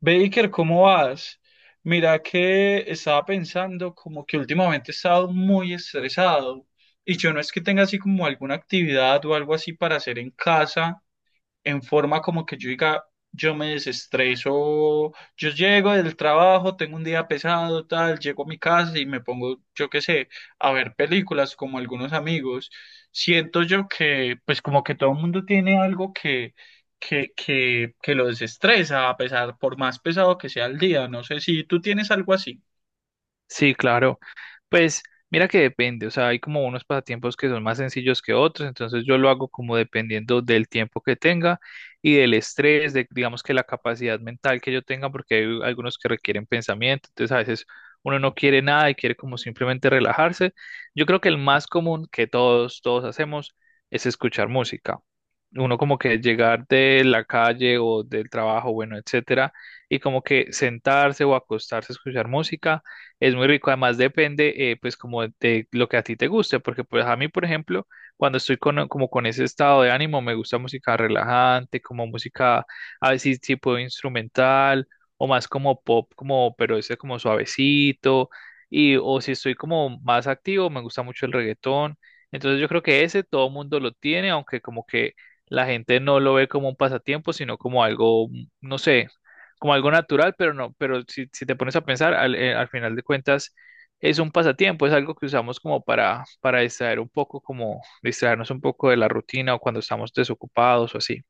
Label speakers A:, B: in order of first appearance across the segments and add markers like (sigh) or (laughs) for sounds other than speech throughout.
A: Baker, ¿cómo vas? Mira que estaba pensando como que últimamente he estado muy estresado y yo no es que tenga así como alguna actividad o algo así para hacer en casa en forma como que yo diga, yo me desestreso, yo llego del trabajo, tengo un día pesado, tal, llego a mi casa y me pongo, yo qué sé, a ver películas como algunos amigos. Siento yo que, pues como que todo el mundo tiene algo que lo desestresa, a pesar, por más pesado que sea el día. No sé si tú tienes algo así.
B: Sí, claro. Pues mira que depende, o sea, hay como unos pasatiempos que son más sencillos que otros, entonces yo lo hago como dependiendo del tiempo que tenga y del estrés, de digamos que la capacidad mental que yo tenga, porque hay algunos que requieren pensamiento, entonces a veces uno no quiere nada y quiere como simplemente relajarse. Yo creo que el más común que todos hacemos es escuchar música. Uno como que llegar de la calle o del trabajo, bueno, etcétera, y como que sentarse o acostarse a escuchar música es muy rico, además depende pues como de lo que a ti te guste, porque pues a mí, por ejemplo, cuando estoy con, como con ese estado de ánimo, me gusta música relajante, como música a veces tipo instrumental o más como pop, como pero ese como suavecito y o si estoy como más activo, me gusta mucho el reggaetón. Entonces yo creo que ese todo mundo lo tiene, aunque como que la gente no lo ve como un pasatiempo, sino como algo, no sé, como algo natural, pero no, pero si, si te pones a pensar, al final de cuentas es un pasatiempo, es algo que usamos como para distraer un poco, como distraernos un poco de la rutina o cuando estamos desocupados o así.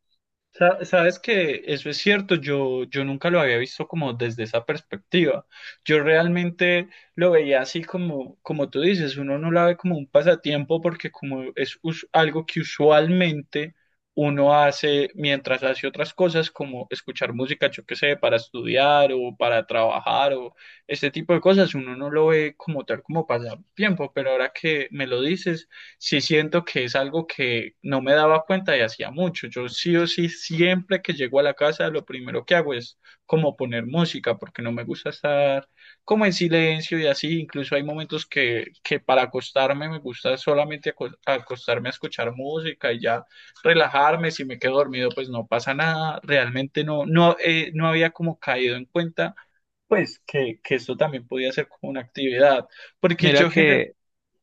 A: Sabes que eso es cierto, yo nunca lo había visto como desde esa perspectiva. Yo realmente lo veía así como, como tú dices, uno no la ve como un pasatiempo porque como es algo que usualmente uno hace mientras hace otras cosas como escuchar música, yo qué sé, para estudiar o para trabajar o este tipo de cosas, uno no lo ve como tal como pasatiempo, pero ahora que me lo dices sí siento que es algo que no me daba cuenta y hacía mucho. Yo sí o sí, siempre que llego a la casa, lo primero que hago es como poner música, porque no me gusta estar como en silencio y así. Incluso hay momentos que para acostarme me gusta solamente acostarme a escuchar música y ya relajarme. Si me quedo dormido, pues no pasa nada. Realmente no había como caído en cuenta. Pues que esto también podía ser como una actividad, porque
B: Mira
A: yo,
B: que,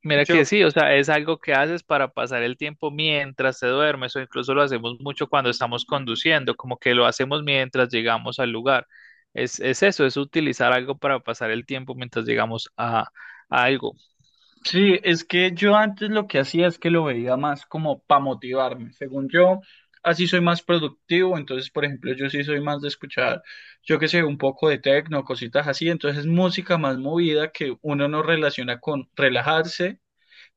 B: mira
A: yo
B: que sí, o sea, es algo que haces para pasar el tiempo mientras te duermes o incluso lo hacemos mucho cuando estamos conduciendo, como que lo hacemos mientras llegamos al lugar. Es eso, es utilizar algo para pasar el tiempo mientras llegamos a algo.
A: Sí, es que yo antes lo que hacía es que lo veía más como para motivarme. Según yo, así soy más productivo. Entonces, por ejemplo, yo sí soy más de escuchar, yo qué sé, un poco de techno, cositas así. Entonces, música más movida que uno no relaciona con relajarse,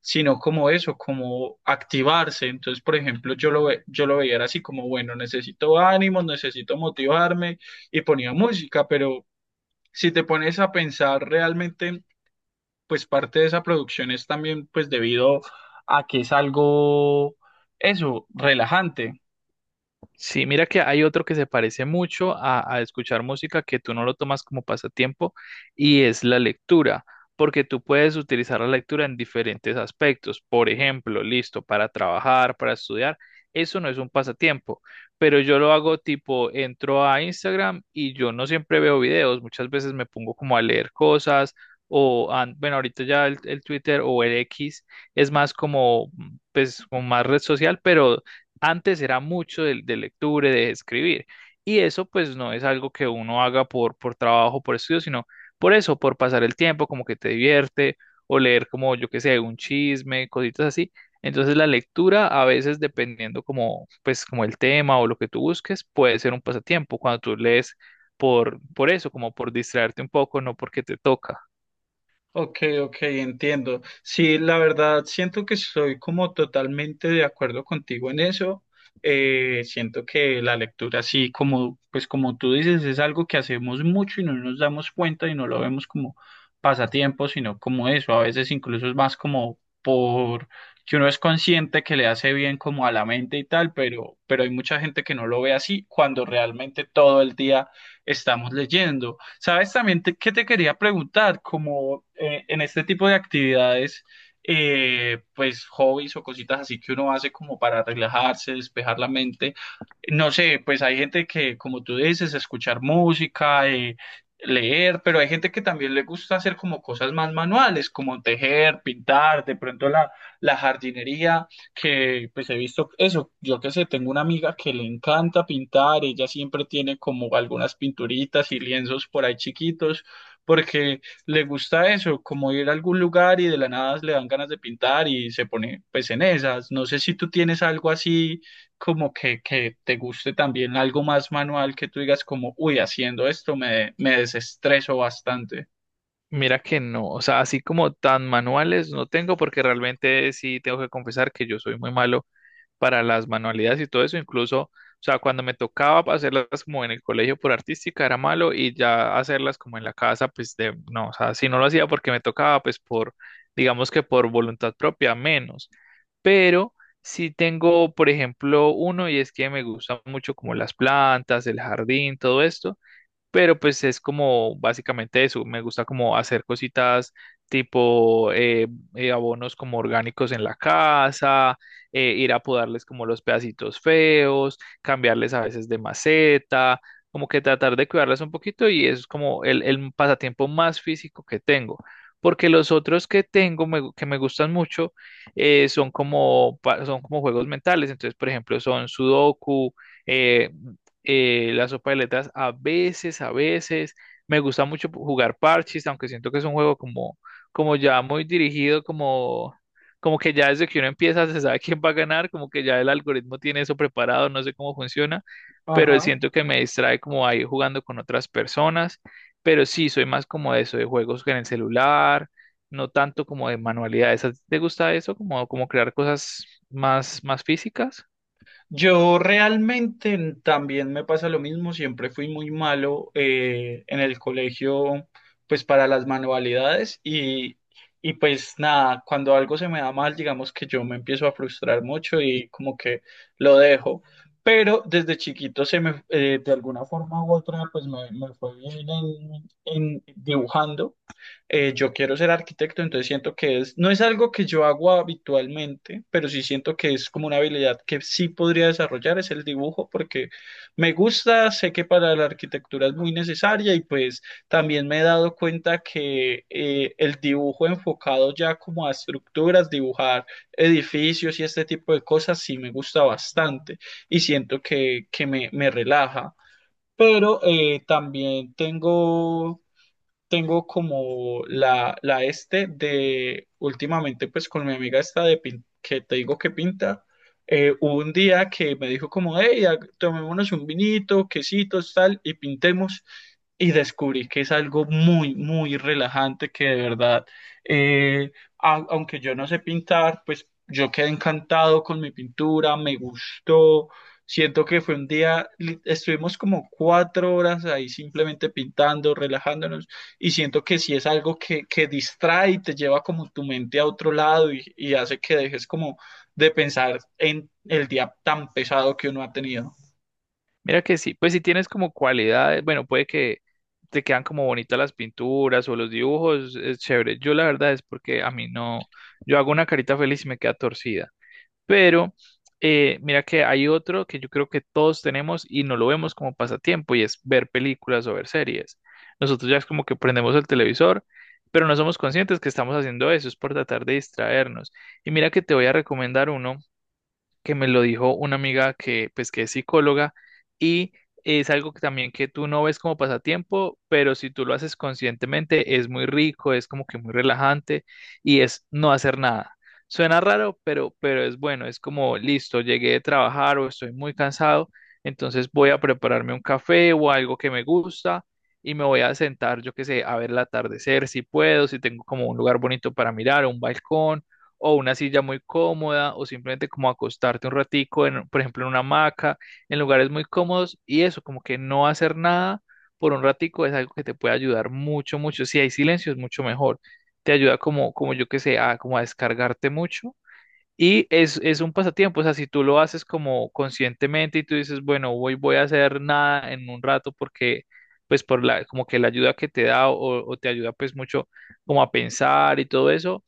A: sino como eso, como activarse. Entonces, por ejemplo, yo lo veía era así como, bueno, necesito ánimos, necesito motivarme y ponía música, pero si te pones a pensar realmente pues parte de esa producción es también pues debido a que es algo, eso, relajante.
B: Sí, mira que hay otro que se parece mucho a escuchar música que tú no lo tomas como pasatiempo y es la lectura, porque tú puedes utilizar la lectura en diferentes aspectos. Por ejemplo, listo, para trabajar, para estudiar, eso no es un pasatiempo, pero yo lo hago tipo, entro a Instagram y yo no siempre veo videos, muchas veces me pongo como a leer cosas o, ah, bueno, ahorita ya el Twitter o el X es más como, mm, pues, como más red social, pero antes era mucho de lectura, y de escribir. Y eso pues no es algo que uno haga por trabajo, por estudio, sino por eso, por pasar el tiempo, como que te divierte, o leer como yo que sé, un chisme, cositas así. Entonces la lectura a veces dependiendo como pues como el tema o lo que tú busques, puede ser un pasatiempo cuando tú lees por eso, como por distraerte un poco, no porque te toca.
A: Ok, ok, entiendo. Sí, la verdad, siento que soy como totalmente de acuerdo contigo en eso. Siento que la lectura, sí, como, pues como tú dices, es algo que hacemos mucho y no nos damos cuenta y no lo vemos como pasatiempo, sino como eso. A veces incluso es más como por que uno es consciente que le hace bien como a la mente y tal, pero hay mucha gente que no lo ve así cuando realmente todo el día estamos leyendo. ¿Sabes también qué te quería preguntar? Como en este tipo de actividades, pues hobbies o cositas así que uno hace como para relajarse, despejar la mente. No sé, pues hay gente que, como tú dices, escuchar música, leer, pero hay gente que también le gusta hacer como cosas más manuales, como tejer, pintar, de pronto la jardinería que pues he visto eso, yo qué sé, tengo una amiga que le encanta pintar, ella siempre tiene como algunas pinturitas y lienzos por ahí chiquitos, porque le gusta eso, como ir a algún lugar y de la nada le dan ganas de pintar y se pone pues en esas. No sé si tú tienes algo así como que te guste también, algo más manual que tú digas como, uy, haciendo esto me desestreso bastante.
B: Mira que no, o sea, así como tan manuales no tengo porque realmente sí tengo que confesar que yo soy muy malo para las manualidades y todo eso, incluso, o sea, cuando me tocaba hacerlas como en el colegio por artística era malo y ya hacerlas como en la casa, pues de, no, o sea, si no lo hacía porque me tocaba, pues por, digamos que por voluntad propia, menos. Pero sí tengo, por ejemplo, uno y es que me gustan mucho como las plantas, el jardín, todo esto pero pues es como básicamente eso, me gusta como hacer cositas tipo abonos como orgánicos en la casa, ir a podarles como los pedacitos feos, cambiarles a veces de maceta, como que tratar de cuidarlas un poquito y eso es como el pasatiempo más físico que tengo. Porque los otros que tengo que me gustan mucho son como, son como juegos mentales. Entonces, por ejemplo, son Sudoku, eh, la sopa de letras a veces, a veces. Me gusta mucho jugar parches, aunque siento que es un juego como, como ya muy dirigido, como, como que ya desde que uno empieza se sabe (laughs) quién va a ganar, como que ya el algoritmo tiene eso preparado, no sé cómo funciona, pero
A: Ajá.
B: siento que me distrae como ahí jugando con otras personas. Pero sí, soy más como de eso, de juegos en el celular, no tanto como de manualidades. ¿A ti te gusta eso? ¿Como, como crear cosas más, más físicas?
A: Yo realmente también me pasa lo mismo, siempre fui muy malo en el colegio, pues para las manualidades y pues nada, cuando algo se me da mal, digamos que yo me empiezo a frustrar mucho y como que lo dejo, pero desde chiquito se me, de alguna forma u otra, pues me fue bien en dibujando yo quiero ser arquitecto, entonces siento que es, no es algo que yo hago habitualmente, pero sí siento que es como una habilidad que sí podría desarrollar, es el dibujo, porque me gusta, sé que para la arquitectura es muy necesaria y pues también me he dado cuenta que el dibujo enfocado ya como a estructuras, dibujar edificios y este tipo de cosas sí me gusta bastante y siento que me relaja. Pero también tengo tengo como la este de últimamente pues con mi amiga esta de que te digo que pinta, hubo un día que me dijo como, hey, tomémonos un vinito, quesitos, tal, y pintemos y descubrí que es algo muy relajante que de verdad, eh, aunque yo no sé pintar, pues yo quedé encantado con mi pintura, me gustó. Siento que fue un día, estuvimos como 4 horas ahí simplemente pintando, relajándonos, y siento que sí es algo que distrae y te lleva como tu mente a otro lado y hace que dejes como de pensar en el día tan pesado que uno ha tenido.
B: Mira que sí, pues si tienes como cualidades, bueno, puede que te quedan como bonitas las pinturas o los dibujos, es chévere. Yo la verdad es porque a mí no, yo hago una carita feliz y me queda torcida. Pero mira que hay otro que yo creo que todos tenemos y no lo vemos como pasatiempo y es ver películas o ver series. Nosotros ya es como que prendemos el televisor, pero no somos conscientes que estamos haciendo eso, es por tratar de distraernos. Y mira que te voy a recomendar uno que me lo dijo una amiga que, pues, que es psicóloga y es algo que también que tú no ves como pasatiempo, pero si tú lo haces conscientemente es muy rico, es como que muy relajante y es no hacer nada. Suena raro, pero es bueno, es como listo, llegué de trabajar o estoy muy cansado, entonces voy a prepararme un café o algo que me gusta y me voy a sentar, yo qué sé, a ver el atardecer si puedo, si tengo como un lugar bonito para mirar, un balcón o una silla muy cómoda o simplemente como acostarte un ratico, en, por ejemplo, en una hamaca, en lugares muy cómodos y eso, como que no hacer nada por un ratico es algo que te puede ayudar mucho, mucho. Si hay silencio es mucho mejor. Te ayuda como, como yo que sé, a, como a descargarte mucho. Es un pasatiempo, o sea, si tú lo haces como conscientemente y tú dices, bueno, hoy voy a hacer nada en un rato porque, pues, por la, como que la ayuda que te da o te ayuda, pues, mucho como a pensar y todo eso,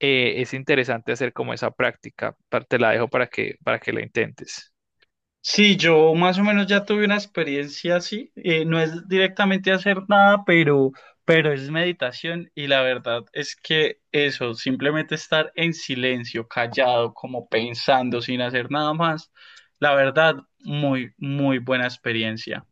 B: es interesante hacer como esa práctica. Te la dejo para que la intentes.
A: Sí, yo más o menos ya tuve una experiencia así. No es directamente hacer nada, pero es meditación y la verdad es que eso, simplemente estar en silencio, callado, como pensando, sin hacer nada más, la verdad, muy buena experiencia.